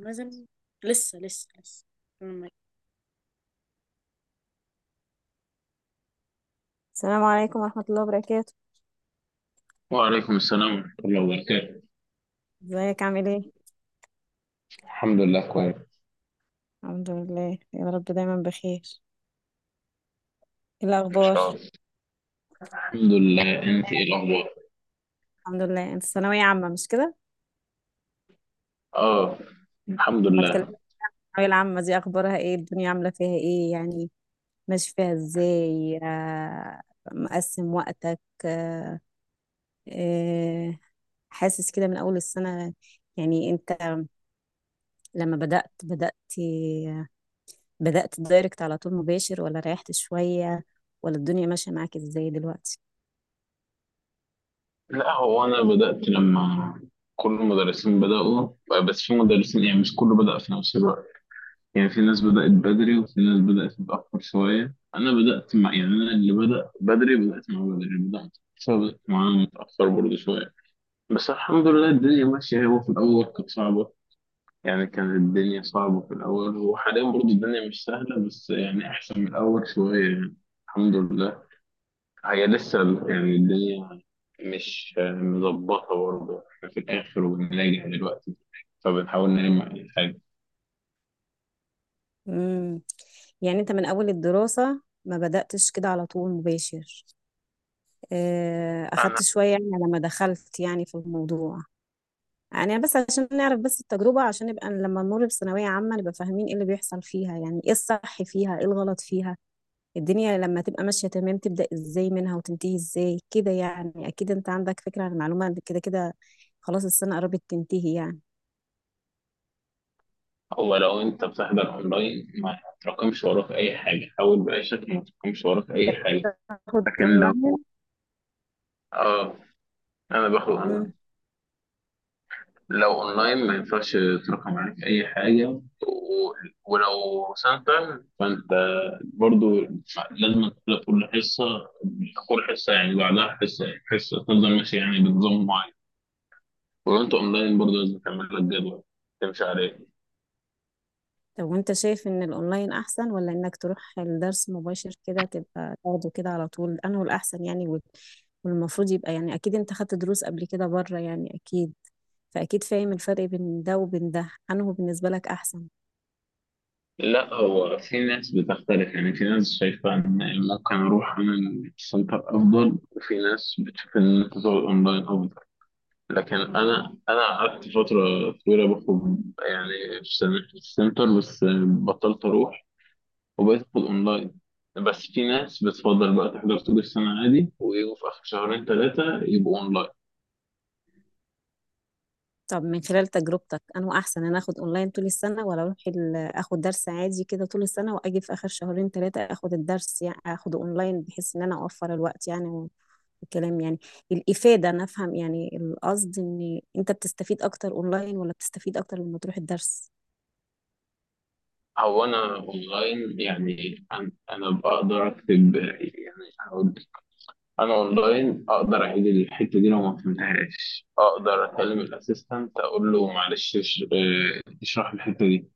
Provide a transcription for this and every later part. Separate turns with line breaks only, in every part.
لازم. لسه. لما- السلام عليكم ورحمة الله وبركاته.
وعليكم السلام ورحمة الله وبركاته.
ازيك عامل ايه؟
الحمد لله كويس.
الحمد لله يا رب دايما بخير. ايه
ان
الأخبار؟
شاء الله. الحمد لله، انت ايه الاخبار؟
الحمد لله، انت ثانوية عامة مش كده؟
اه، الحمد
لما اتكلمنا
لله.
عن الثانوية العامة دي أخبارها ايه؟ الدنيا عاملة فيها ايه؟ يعني ماشي فيها ازاي؟ مقسم وقتك؟ آه، حاسس كده من أول السنة. يعني انت لما بدأت دايركت على طول مباشر، ولا ريحت شوية، ولا الدنيا ماشية معاك ازاي دلوقتي؟
لا، هو انا بدأت لما كل المدرسين بدأوا، بس في مدرسين يعني مش كله بدأ في نفس الوقت. يعني في ناس بدأت بدري وفي ناس بدأت متأخر شوية. انا بدأت مع، يعني انا اللي بدأ بدري بدأت مع بدري، اللي بدأت متأخر بدأت معاه متأخر برضه شوية. بس الحمد لله الدنيا ماشية. هو في الأول كانت صعبة، يعني كانت الدنيا صعبة في الأول، وحاليا برضه الدنيا مش سهلة بس يعني أحسن من الأول شوية يعني. الحمد لله. هي لسه يعني الدنيا مش مظبطة برضه، إحنا في الآخر وبنلاقي دلوقتي، فبنحاول نلم أي حاجة.
امم يعني انت من اول الدراسة ما بدأتش كده على طول مباشر،
أنا
اخدت شوية يعني لما دخلت يعني في الموضوع. يعني بس عشان نعرف بس التجربة، عشان نبقى لما نمر بثانوية عامة نبقى فاهمين ايه اللي بيحصل فيها، يعني ايه الصح فيها ايه الغلط فيها. الدنيا لما تبقى ماشية تمام تبدأ ازاي منها وتنتهي ازاي كده، يعني اكيد انت عندك فكرة عن المعلومة كده كده. خلاص السنة قربت تنتهي يعني.
هو لو أنت بتحضر أونلاين ما تراكمش وراك أي حاجة، حاول بأي شكل ما تراكمش وراك أي حاجة.
تاخد
لكن
اونلاين.
لو، آه، أنا باخد،
مم.
لو اونلاين ما ينفعش ترقم عليك اي حاجه ولو سنتر فانت برضو لازم تبقى كل حصه، كل حصه يعني بعدها حصه حصه تفضل ماشي يعني بنظام معين. ولو انت اونلاين برضو لازم تعمل لك جدول تمشي عليه.
طب وانت شايف ان الاونلاين احسن، ولا انك تروح الدرس مباشر كده تبقى تاخده كده على طول، انه الاحسن يعني؟ والمفروض يبقى يعني اكيد انت خدت دروس قبل كده بره يعني اكيد، فاكيد فاهم الفرق بين ده وبين ده، انه بالنسبة لك احسن.
لا، هو في ناس بتختلف، يعني في ناس شايفه ان ممكن اروح اعمل سنتر افضل، وفي ناس بتشوف ان انت تقعد اونلاين افضل. لكن انا قعدت فتره طويله باخد، يعني في السنتر، بس بطلت اروح وبقيت اخد اونلاين. بس في ناس بتفضل بقى تحضر طول السنه عادي ويجوا في اخر شهرين ثلاثه يبقوا اونلاين.
طب من خلال تجربتك، انه احسن انا اخد اونلاين طول السنة، ولا اروح اخد درس عادي كده طول السنة واجي في اخر شهرين ثلاثة اخد الدرس يعني اخده اونلاين، بحيث ان انا اوفر الوقت يعني الكلام يعني الإفادة. أنا أفهم يعني القصد، إن أنت بتستفيد أكتر أونلاين، ولا بتستفيد أكتر لما تروح الدرس؟
هو انا اونلاين، يعني أنا بقدر اكتب، يعني هقول لك. انا اونلاين اقدر اعيد الحته دي لو ما فهمتهاش، اقدر اكلم الاسيستنت اقول له معلش اشرح الحته دي.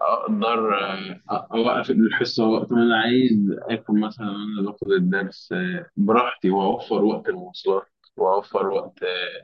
اقدر، اوقف الحصه وقت ما انا عايز اكل مثلا وانا باخد الدرس، براحتي، واوفر وقت المواصلات، واوفر وقت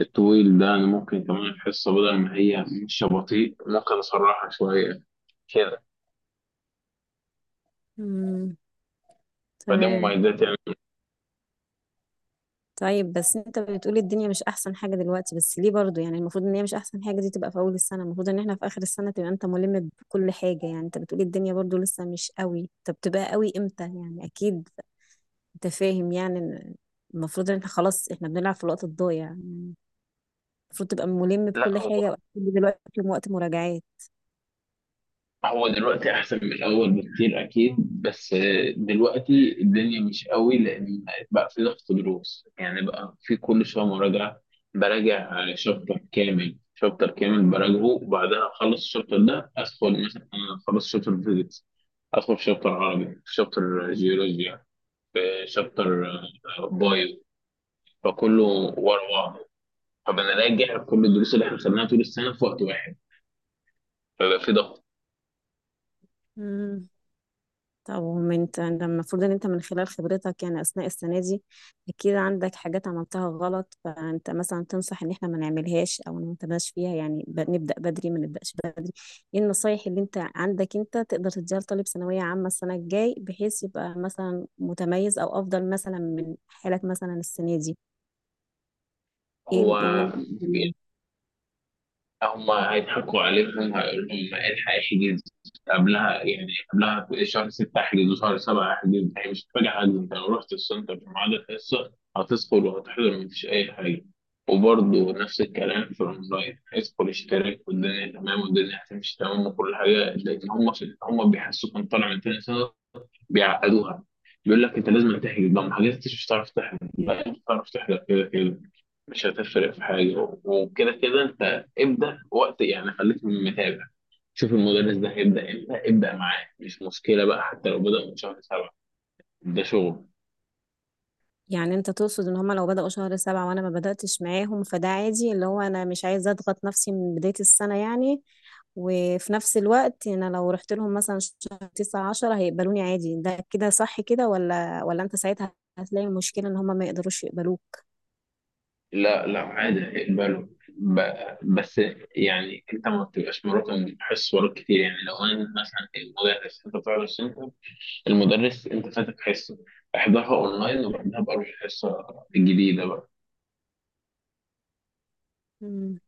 الطويل ده. انا ممكن كمان الحصه بدل ما هي مش بطيء ممكن اسرعها شويه كده.
مم.
فده
تمام.
مميزات يعني.
طيب بس أنت بتقولي الدنيا مش أحسن حاجة دلوقتي، بس ليه برضو؟ يعني المفروض إن هي مش أحسن حاجة دي تبقى في أول السنة، المفروض إن إحنا في آخر السنة تبقى أنت ملم بكل حاجة. يعني أنت بتقولي الدنيا برضو لسه مش قوي، طب تبقى قوي إمتى يعني؟ أكيد أنت فاهم يعني إن المفروض إن إحنا خلاص إحنا بنلعب في الوقت الضايع يعني. المفروض تبقى ملم
لا،
بكل
هو
حاجة، وأكيد دلوقتي وقت مراجعات.
هو دلوقتي احسن من الاول بكتير اكيد، بس دلوقتي الدنيا مش قوي، لان بقى في ضغط دروس، يعني بقى في كل شويه مراجعه. براجع شابتر كامل، شابتر كامل براجعه وبعدها اخلص الشابتر ده ادخل، مثلا أنا خلصت شابتر فيزيكس ادخل في شابتر عربي، في شابتر جيولوجيا، في شابتر بايو، فكله ورا بعضه. فبنراجع كل الدروس اللي احنا خدناها طول السنه في وقت واحد، فبقى في ضغط.
مم. طب وما انت ده المفروض ان انت من خلال خبرتك يعني اثناء السنه دي اكيد عندك حاجات عملتها غلط، فانت مثلا تنصح ان احنا ما نعملهاش او ما نتباش فيها، يعني نبدا بدري ما نبداش بدري. ايه النصايح اللي انت عندك انت تقدر تديها لطالب ثانويه عامه السنه الجاي، بحيث يبقى مثلا متميز او افضل مثلا من حالك مثلا السنه دي؟ ايه
هو
اللي ممكن؟
هم هيضحكوا عليهم هيقولوا لهم الحق احجز قبلها، يعني قبلها شهر 6 احجز وشهر 7 احجز. هي مش هتفاجئ حد، انت لو رحت السنتر في ميعاد الحصه هتدخل وهتحضر، مفيش اي حاجه. وبرضه نفس الكلام في الاونلاين، هيدخل اشتراك والدنيا تمام والدنيا هتمشي تمام وكل حاجه، لان هم بيحسوك ان طالع من تاني سنه، بيعقدوها. بيقول لك انت لازم تحجز بقى، ما حجزتش مش هتعرف تحجز بقى، انت بتعرف تحجز كده كده، مش هتفرق في حاجه. وكده كده انت ابدا وقت، يعني خليك متابع، شوف المدرس ده هيبدا امتى ابدا معاه، مش مشكله بقى حتى لو بدا من شهر سبعه. ده شغل.
يعني انت تقصد ان هما لو بدأوا شهر سبعة وانا ما بدأتش معاهم فده عادي، اللي هو انا مش عايزة اضغط نفسي من بداية السنة يعني. وفي نفس الوقت انا لو رحت لهم مثلا شهر تسعة عشرة هيقبلوني عادي، ده كده صح كده؟ ولا انت ساعتها هتلاقي مشكلة ان هما ما يقدروش يقبلوك؟
لا، عادي اقبله، بس يعني انت ما بتبقاش مراكم حصص وراك كتير. يعني لو انا مثلا المدرس، انت بتعرف انت المدرس انت فاتك حصه احضرها اونلاين وبعدها بقى روح الحصه الجديده بقى.
مم.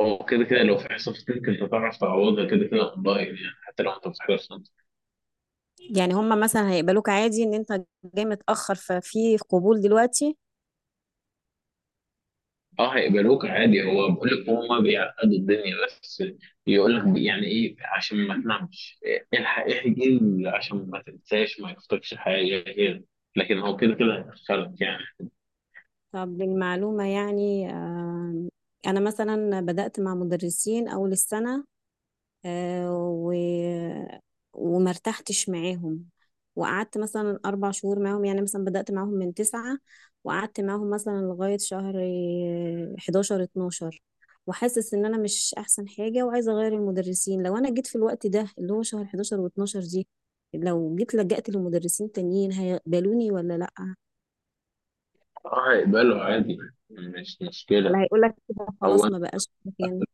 هو كده كده لو في حصه فاتتك انت تعرف تعوضها كده كده اونلاين، يعني حتى لو انت بتحضرش انت.
يعني هما مثلا هيقبلوك عادي ان انت جاي متأخر، ففي قبول دلوقتي.
اه هيقبلوك عادي. هو بقول لك هما بيعقدوا الدنيا بس، يقول لك يعني ايه عشان ما تنامش الحق احجز، عشان ما تنساش ما يفوتكش حاجه كده. لكن هو كده كده هيدخلك يعني.
طب للمعلومة يعني، انا مثلا بدأت مع مدرسين اول السنة، آه، و... وما ارتحتش معاهم، وقعدت مثلا أربع شهور معاهم، يعني مثلا بدأت معاهم من تسعة وقعدت معاهم مثلا لغاية شهر حداشر اتناشر، وحاسس إن أنا مش أحسن حاجة وعايزة أغير المدرسين. لو أنا جيت في الوقت ده اللي هو شهر حداشر واتناشر دي، لو جيت لجأت لمدرسين تانيين هيقبلوني ولا لأ؟
اه هيقبله عادي، مش
ولا
مشكله.
هيقولك كده خلاص
هو
ما بقاش مكانك؟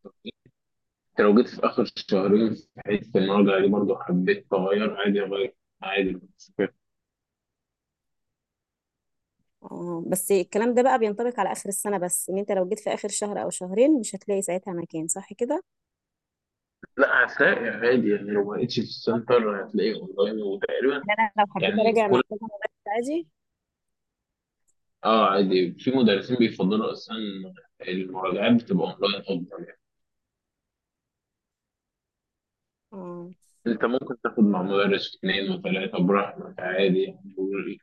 انت لو جيت في اخر شهرين في حته المراجعه دي برضه حبيت اغير عادي اغير، عادي مش فارق.
اه، بس الكلام ده بقى بينطبق على آخر السنة بس، إن أنت لو جيت في آخر شهر أو شهرين مش هتلاقي ساعتها مكان، صح كده؟
لا هتلاقي عادي، يعني لو ما لقيتش في السنتر هتلاقيه اونلاين. وتقريبا
يعني أنا لو حبيت
يعني
أراجع مع
كل،
كذا مدرس عادي.
اه عادي، في مدرسين بيفضلوا اصلا المراجعات بتبقى اونلاين افضل يعني.
اه.
انت ممكن تاخد مع مدرس اثنين وثلاثه براحتك عادي،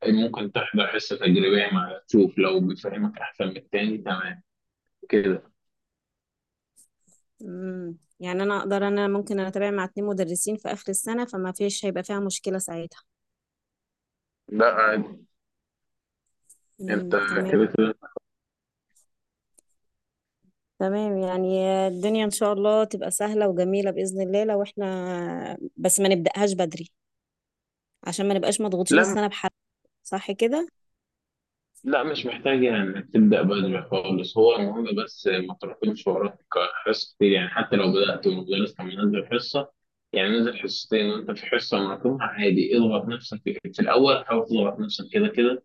يعني ممكن تحضر حصه تجريبيه مع تشوف لو بيفهمك احسن من التاني، تمام كده.
يعني أنا أقدر، أنا ممكن أنا أتابع مع اتنين مدرسين في آخر السنة، فما فيش هيبقى فيها مشكلة ساعتها.
لا عادي،
امم،
انت
تمام.
كده كده.
تمام يعني الدنيا إن شاء الله تبقى سهلة وجميلة بإذن الله، لو إحنا بس ما نبدأهاش بدري عشان ما نبقاش مضغوطين
لا
السنة بحد، صح كده؟
لا مش محتاج يعني انك تبدا بدري خالص، هو المهم بس ما تراكمش وراك حصص كتير، يعني حتى لو بدات والمدرس كان منزل حصه، يعني نزل حصتين وانت في حصه مراكمها عادي، اضغط نفسك في الاول، حاول تضغط نفسك كده كده،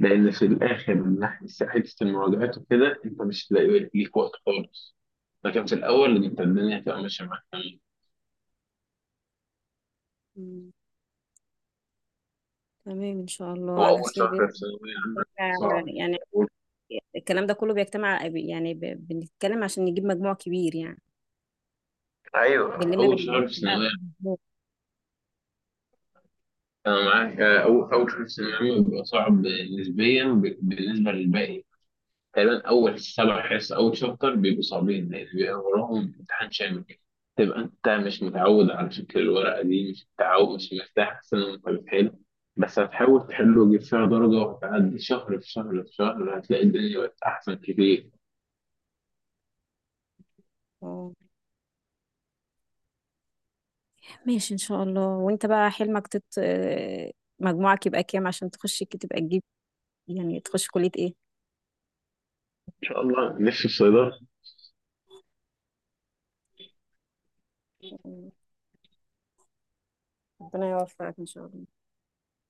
لان في الاخر من ناحيه حته المراجعات وكده انت مش هتلاقي ليك وقت خالص، لكن في الاول انت الدنيا هتبقى ماشيه معاك تمام.
مم. تمام، إن شاء الله
هو
على
اول
خير
شهر
بإذن
في ثانويه عامه
الله
صعب.
يعني.
أول،
الكلام ده كله بيجتمع يعني، بنتكلم عشان نجيب مجموع كبير يعني،
ايوه
بنلم
اول
بالمجموع
شهر في
كلها في
ثانويه،
المجموع.
أنا معاك. أول حصة ثانوي بيبقى صعب نسبيا بالنسبة للباقي. تقريبا أول سبع حصص أول شابتر بيبقوا صعبين لأن بيبقى وراهم امتحان شامل، تبقى أنت مش متعود على شكل الورقة دي، مش متعود مش مرتاح أحسن وأنت بتحل، بس هتحاول تحله وتجيب فيها درجة، وهتعدي شهر في شهر في شهر هتلاقي الدنيا بقت أحسن كتير.
اه، ماشي ان شاء الله. وانت بقى حلمك تت آه، مجموعك يبقى كام عشان تخش تبقى تجيب، يعني تخش كلية ايه؟
إن شاء الله نفسي في صيدلة.
ربنا يوفقك ان شاء الله.